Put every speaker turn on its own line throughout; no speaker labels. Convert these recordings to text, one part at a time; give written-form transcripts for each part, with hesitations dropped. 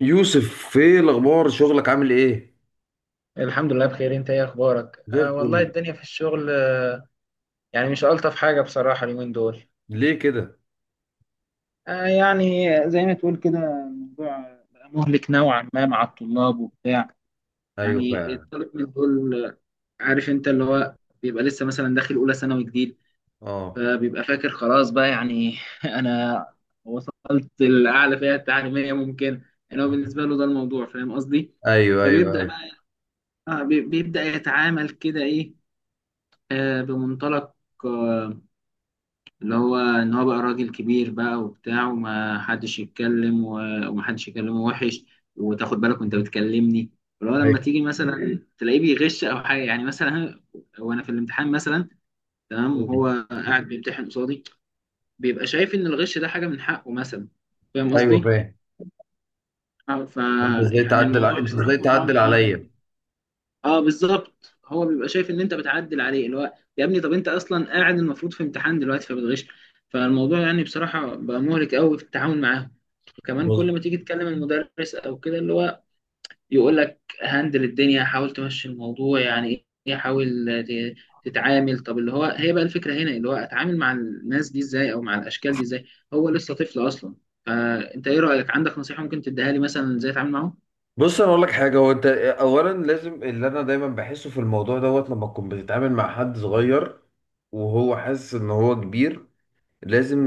يوسف، ايه الاخبار؟ شغلك عامل ايه؟
الحمد لله، بخير. انت ايه اخبارك؟
زي
والله
الفل.
الدنيا في الشغل. يعني مش الطف حاجه بصراحه اليومين دول.
ليه كده؟
يعني زي ما تقول كده. الموضوع بقى مهلك نوعا ما مع الطلاب وبتاع.
ايوه،
يعني
فعلا.
الطالب من دول، عارف انت اللي هو بيبقى لسه مثلا داخل اولى ثانوي جديد،
اه.
فبيبقى فاكر خلاص بقى يعني انا وصلت الاعلى فئه التعليميه ممكن. يعني هو بالنسبه له ده الموضوع، فاهم قصدي.
ايوه، ايوه،
فبيبدا
ايوه.
بقى بيبدا يتعامل كده ايه، بمنطلق آه، اللي هو ان هو بقى راجل كبير بقى وبتاع، وما حدش يتكلم وما حدش يكلمه وحش. وتاخد بالك وانت بتكلمني، اللي هو لما
ايوه.
تيجي مثلا تلاقيه بيغش او حاجه يعني، مثلا وانا في الامتحان مثلا، تمام،
مم.
وهو قاعد بيمتحن قصادي، بيبقى شايف ان الغش ده حاجه من حقه مثلا. فاهم
ايوه،
قصدي؟
فاهم.
اه، ف
انت ازاي
يعني
تعدل
الموضوع
انت ازاي
بصراحه
تعدل
بقى ممتع.
عليا؟
اه بالظبط، هو بيبقى شايف ان انت بتعدل عليه، اللي هو يا ابني طب انت اصلا قاعد المفروض في امتحان دلوقتي فبتغش. فالموضوع يعني بصراحه بقى مهلك قوي في التعامل معاهم. وكمان
بص.
كل ما تيجي تكلم المدرس او كده، اللي هو يقول لك هندل الدنيا، حاول تمشي الموضوع يعني، ايه، حاول ت- تتعامل. طب اللي هو هي بقى الفكره هنا، اللي هو اتعامل مع الناس دي ازاي، او مع الاشكال دي ازاي، هو لسه طفل اصلا. فانت ايه رايك؟ عندك نصيحه ممكن تديها لي مثلا ازاي اتعامل معاهم؟
بص، انا اقول لك حاجه. هو انت اولا لازم، اللي انا دايما بحسه في الموضوع دوت، لما تكون بتتعامل مع حد صغير وهو حاسس ان هو كبير، لازم.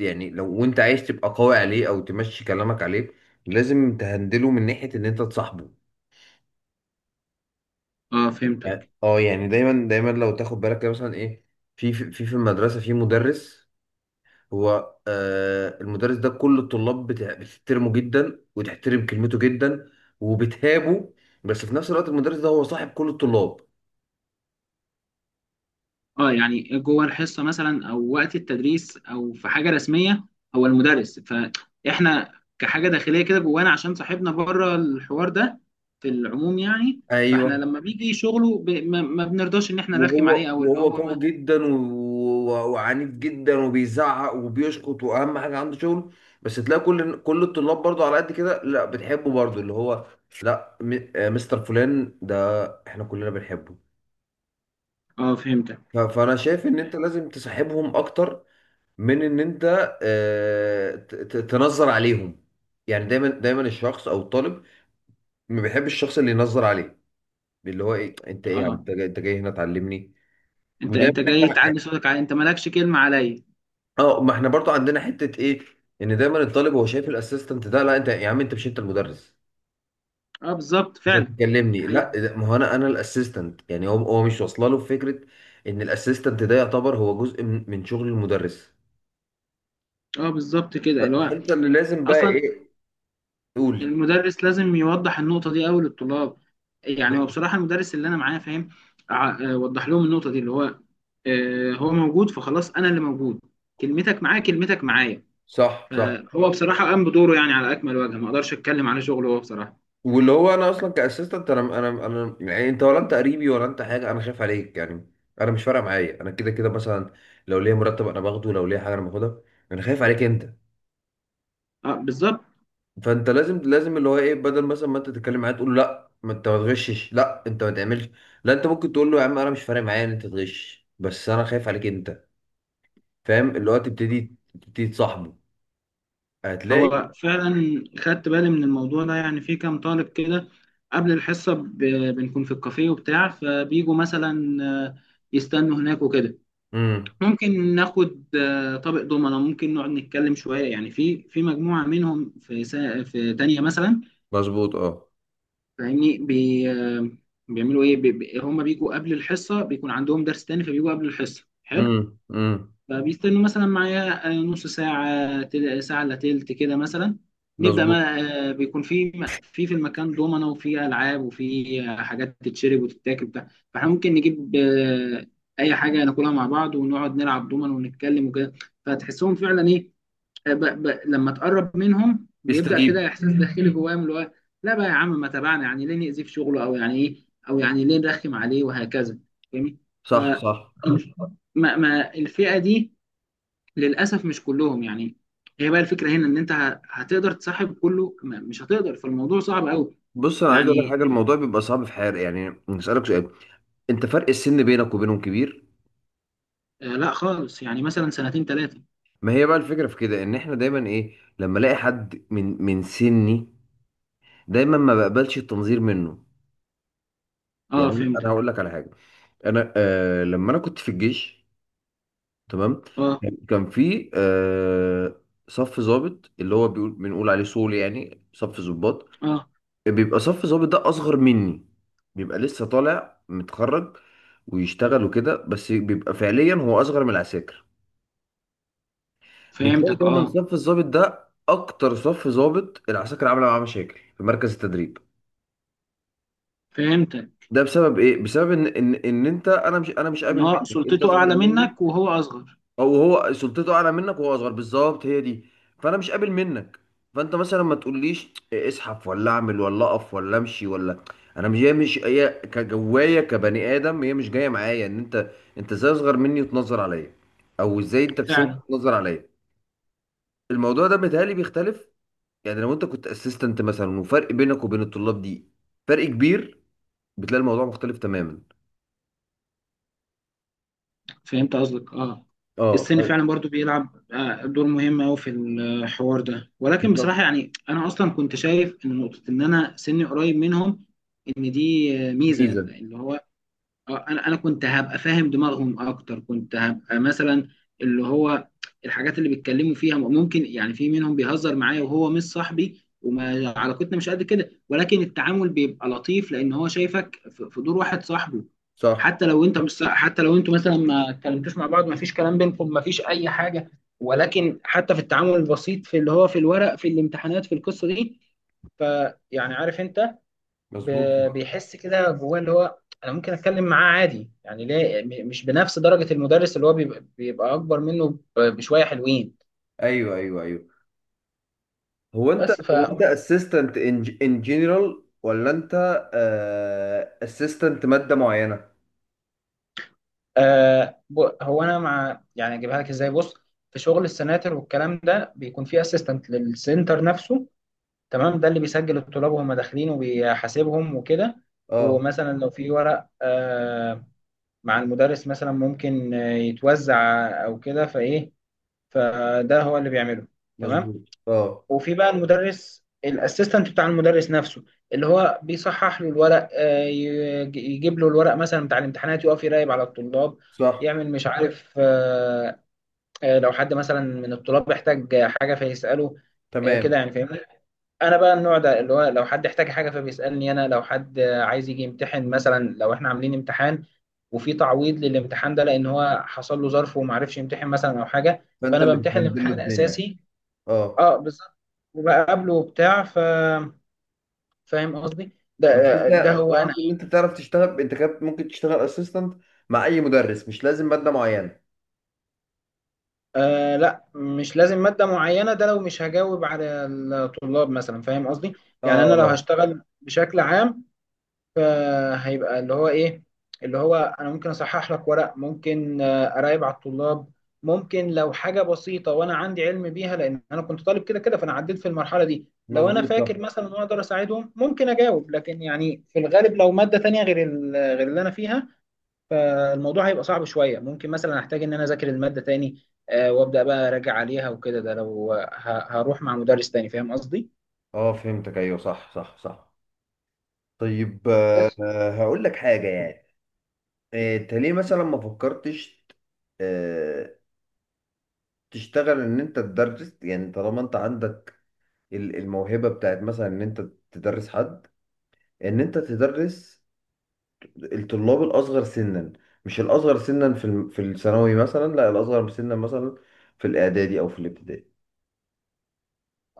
يعني لو وانت عايز تبقى قوي عليه او تمشي كلامك عليه، لازم تهندله من ناحيه ان انت تصاحبه.
اه فهمت.
يعني دايما دايما لو تاخد بالك كده مثلا ايه، في المدرسه في مدرس. هو، المدرس ده، كل الطلاب بتحترمه جدا، وتحترم كلمته جدا، وبتهابه. بس في نفس الوقت المدرس ده هو صاحب كل الطلاب.
اه، يعني جوه الحصه مثلا، او وقت التدريس، او في حاجه رسميه، هو المدرس. فاحنا كحاجه داخليه كده جوانا، عشان صاحبنا بره الحوار ده، في العموم يعني. فاحنا
ايوه.
لما بيجي شغله ب... ما... ما بنرضاش ان احنا نرخم عليه،
وهو
او اللي
وهو
هو
قوي
ما.
جدا، وعنيف جدا، وبيزعق وبيشخط، واهم حاجه عنده شغل. بس تلاقي كل الطلاب برضه على قد كده، لا، بتحبه برضه، اللي هو لا، مستر فلان ده احنا كلنا بنحبه.
اه فهمتك.
فانا شايف ان انت لازم تسحبهم اكتر من ان انت تنظر عليهم. يعني دايما دايما الشخص او الطالب ما بيحبش الشخص اللي ينظر عليه، اللي هو ايه، انت ايه يا عم،
اه.
انت جاي، هنا تعلمني؟
انت
ودايما
انت جاي
احنا،
تعلي صوتك علي، انت مالكش كلمه عليا.
ما احنا برضو عندنا حتة ايه، ان دايما الطالب هو شايف الاسيستنت ده، لا انت يا عم، انت مش المدرس
اه بالظبط فعلا.
عشان
دي
تكلمني.
حقيقة.
لا ما هو انا الاسيستنت. يعني هو مش واصله له فكرة ان الاسيستنت ده يعتبر هو جزء من شغل المدرس.
اه بالظبط كده، اللي هو
فانت اللي لازم بقى
اصلا
ايه؟ قول.
المدرس لازم يوضح النقطة دي أوي للطلاب. يعني هو بصراحة المدرس اللي أنا معاه فاهم. وضح لهم النقطة دي، اللي هو هو موجود فخلاص أنا اللي موجود. كلمتك معاه كلمتك معايا.
صح، صح.
فهو بصراحة قام بدوره يعني على أكمل وجه، ما أقدرش أتكلم على شغله هو بصراحة.
واللي هو انا اصلا كاسيستنت، انا يعني انت، ولا انت قريبي، ولا انت حاجه، انا خايف عليك يعني. انا مش فارقه معايا، انا كده كده مثلا، لو ليا مرتب انا باخده، لو ليا حاجه انا باخدها، انا خايف عليك انت.
أه بالظبط.
فانت لازم اللي هو ايه، بدل مثلا ما انت تتكلم معاه تقول له لا ما انت ما تغشش، لا انت ما تعملش، لا، انت ممكن تقول له يا عم انا مش فارق معايا ان انت تغش، بس انا خايف عليك انت. فاهم؟ اللي هو تبتدي تصاحبه. هتلاقي.
هو فعلا خدت بالي من الموضوع ده، يعني في كام طالب كده قبل الحصة بنكون في الكافيه وبتاع، فبيجوا مثلا يستنوا هناك وكده.
امم.
ممكن ناخد طبق دومنا، ممكن نقعد نتكلم شوية يعني، في مجموعة منهم، في دانيا مثلا،
مظبوط، اه.
فاهمني. بي آه، بيعملوا ايه؟ هم بيجوا قبل الحصة، بيكون عندهم درس تاني فبيجوا قبل الحصة، حلو.
امم، امم.
فبيستنوا مثلا معايا نص ساعة، ساعة إلا تلت كده مثلا، نبدأ
مظبوط.
ما آه، بيكون في المكان دومنا، وفي ألعاب، وفي حاجات تتشرب وتتاكل بتاع. فاحنا ممكن نجيب أي حاجة ناكلها مع بعض، ونقعد نلعب دومنا ونتكلم وكده. فتحسهم فعلا إيه، لما تقرب منهم بيبدأ كده
يستجيب.
إحساس داخلي جواهم، اللي هو لا بقى يا عم ما تابعنا يعني، ليه نأذيه في شغله، أو يعني إيه، أو يعني ليه نرخم عليه، وهكذا. فاهمني؟ ف
صح، صح.
ما الفئة دي، للاسف مش كلهم يعني. هي بقى الفكره هنا، ان انت هتقدر تصاحب كله، مش هتقدر، فالموضوع صعب قوي.
بص، انا عايز اقول لك
يعني
حاجه. الموضوع بيبقى صعب في حياتي، يعني اسالك سؤال، انت فرق السن بينك وبينهم كبير.
لا خالص، يعني مثلا سنتين ثلاثه.
ما هي بقى الفكره في كده ان احنا دايما ايه، لما الاقي حد من سني، دايما ما بقبلش التنظير منه.
اه
يعني انا،
فهمتك.
هقول لك على حاجه. انا آه لما انا كنت في الجيش، تمام،
اه.
كان في صف ضابط، اللي هو بنقول عليه صول، يعني صف ضباط.
اه
بيبقى صف ظابط ده اصغر مني، بيبقى لسه طالع متخرج، ويشتغل وكده، بس بيبقى فعليا هو اصغر من العساكر. بتلاقي
فهمتك.
دايما
اه
صف الظابط ده اكتر صف ظابط العساكر عامله معاه مشاكل في مركز التدريب.
فهمتك،
ده بسبب ايه؟ بسبب ان انت، انا مش
ان
قابل
هو
منك، انت
سلطته
اصغر
اعلى
مني.
منك وهو اصغر.
او هو سلطته اعلى منك وهو اصغر، بالظبط، هي دي. فانا مش قابل منك. فانت مثلا ما تقوليش إيه، اسحف ولا اعمل ولا اقف ولا امشي ولا انا مش هي مش هي كجوايا كبني ادم، هي مش جايه معايا ان انت، انت ازاي اصغر مني وتنظر عليا، او ازاي انت في سني
فعلا.
تنظر عليا؟ الموضوع ده متهيألي بيختلف. يعني لو انت كنت اسيستنت مثلا، وفرق بينك وبين الطلاب دي فرق كبير، بتلاقي الموضوع مختلف تماما.
فهمت قصدك اه. السن
اه،
فعلا برضو بيلعب دور مهم قوي في الحوار ده، ولكن
بالظبط.
بصراحه يعني انا اصلا كنت شايف ان نقطه ان انا سني قريب منهم، ان دي ميزه
ميزه.
اللي هو اه انا كنت هبقى فاهم دماغهم اكتر، كنت هبقى مثلا اللي هو، الحاجات اللي بيتكلموا فيها، ممكن يعني في منهم بيهزر معايا وهو مش صاحبي، وما علاقتنا مش قد كده، ولكن التعامل بيبقى لطيف لان هو شايفك في دور واحد صاحبه.
صح.
حتى لو انت مش صاح- حتى لو انتوا مثلا ما اتكلمتوش مع بعض، ما فيش كلام بينكم، ما فيش اي حاجه، ولكن حتى في التعامل البسيط في اللي هو في الورق، في الامتحانات، في القصه دي. فيعني عارف انت،
مظبوط.
بيحس كده جواه اللي هو انا ممكن اتكلم معاه عادي يعني، ليه مش بنفس درجة المدرس، اللي هو بيبقى اكبر منه بشوية حلوين.
ايوه، ايوه، ايوه. هو انت
بس
هو انت اسيستنت ان جنرال، ولا انت اسيستنت ماده معينه؟
هو انا مع، يعني اجيبها لك ازاي، بص. في شغل السناتر والكلام ده بيكون في اسيستنت للسنتر نفسه، تمام، ده اللي بيسجل الطلاب وهم داخلين وبيحاسبهم وكده.
اه.
ومثلا لو في ورق مع المدرس، مثلا ممكن يتوزع او كده فايه، فده هو اللي بيعمله، تمام.
مظبوط، اه.
وفي بقى المدرس الاسيستنت بتاع المدرس نفسه، اللي هو بيصحح له الورق، يجيب له الورق مثلا بتاع الامتحانات، يقف يراقب على الطلاب،
صح.
يعمل مش عارف لو حد مثلا من الطلاب احتاج حاجة فيسأله كده
تمام.
يعني، فاهمني. انا بقى النوع ده، اللي هو لو حد احتاج حاجة فبيسألني انا، لو حد عايز يجي يمتحن مثلا، لو احنا عاملين امتحان وفي تعويض للامتحان ده لان هو حصل له ظرف وما عرفش يمتحن مثلا او حاجة،
فانت
فانا
اللي
بمتحن
بتهندل له
الامتحان
الدنيا.
الاساسي.
اه.
اه بالظبط. وبقابله وبتاع فاهم قصدي، ده
بس انت،
ده
أنا
هو انا.
قصدي ان انت تعرف تشتغل انت كده، ممكن تشتغل اسيستنت مع اي مدرس، مش لازم ماده معينه.
لا مش لازم مادة معينة، ده لو مش هجاوب على الطلاب مثلا، فاهم قصدي.
اه،
يعني انا لو
اه.
هشتغل بشكل عام، فهيبقى اللي هو ايه، اللي هو انا ممكن اصحح لك ورق، ممكن اراقب على الطلاب، ممكن لو حاجه بسيطه وانا عندي علم بيها لان انا كنت طالب كده كده فانا عديت في المرحله دي، لو انا
مظبوط،
فاكر
صح.
مثلا ان أنا اقدر اساعدهم ممكن اجاوب، لكن يعني في الغالب لو ماده تانية غير غير اللي انا فيها، فالموضوع هيبقى صعب شويه، ممكن مثلا احتاج ان انا اذاكر الماده تاني وابدا بقى اراجع عليها وكده، ده لو هروح مع مدرس تاني، فاهم قصدي.
اه، فهمتك، ايوه، صح، صح، صح. طيب،
بس.
هقول لك حاجه يعني، انت ليه مثلا ما فكرتش، آه، تشتغل ان انت تدرس، يعني طالما انت عندك الموهبة بتاعت مثلا ان انت تدرس حد، ان انت تدرس الطلاب الاصغر سنا، مش الاصغر سنا في في الثانوي مثلا، لا الاصغر سنا مثلا في الاعدادي او في الابتدائي.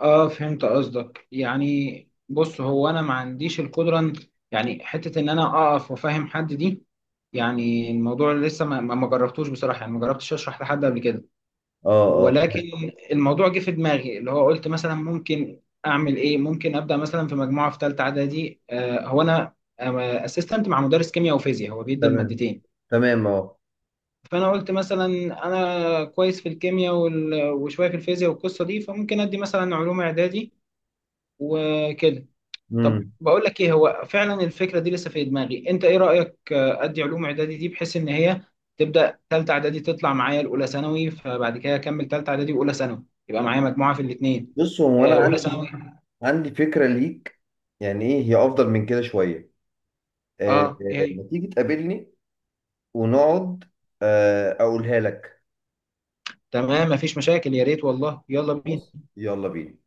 اه فهمت قصدك، يعني بص هو انا ما عنديش القدره يعني حته ان انا اقف وافهم حد دي، يعني الموضوع لسه ما جربتوش بصراحه يعني، ما جربتش اشرح لحد قبل كده.
اه، اه.
ولكن الموضوع جه في دماغي، اللي هو قلت مثلا ممكن اعمل ايه، ممكن ابدا مثلا في مجموعه في ثالثه اعدادي. هو انا اسيستنت مع مدرس كيمياء وفيزياء، هو بيدي
تمام.
المادتين.
تمام، اه.
فانا قلت مثلا انا كويس في الكيمياء وشويه في الفيزياء والقصه دي، فممكن ادي مثلا علوم اعدادي وكده. طب
امم.
بقول لك ايه، هو فعلا الفكره دي لسه في دماغي، انت ايه رايك؟ ادي علوم اعدادي دي بحيث ان هي تبدا ثالثه اعدادي، تطلع معايا الاولى ثانوي، فبعد كده اكمل ثالثه اعدادي واولى ثانوي، يبقى معايا مجموعه في الاثنين.
بص، هو انا
اولى ماشي
عندي
ثانوي.
عندي فكرة ليك، يعني ايه هي، افضل من كده شوية.
اه ايه هي؟
ما تيجي تقابلني ونقعد، اقولها لك.
تمام مفيش مشاكل، يا ريت والله، يلا بينا.
بص، يلا بينا.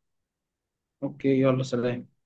اوكي، يلا سلام.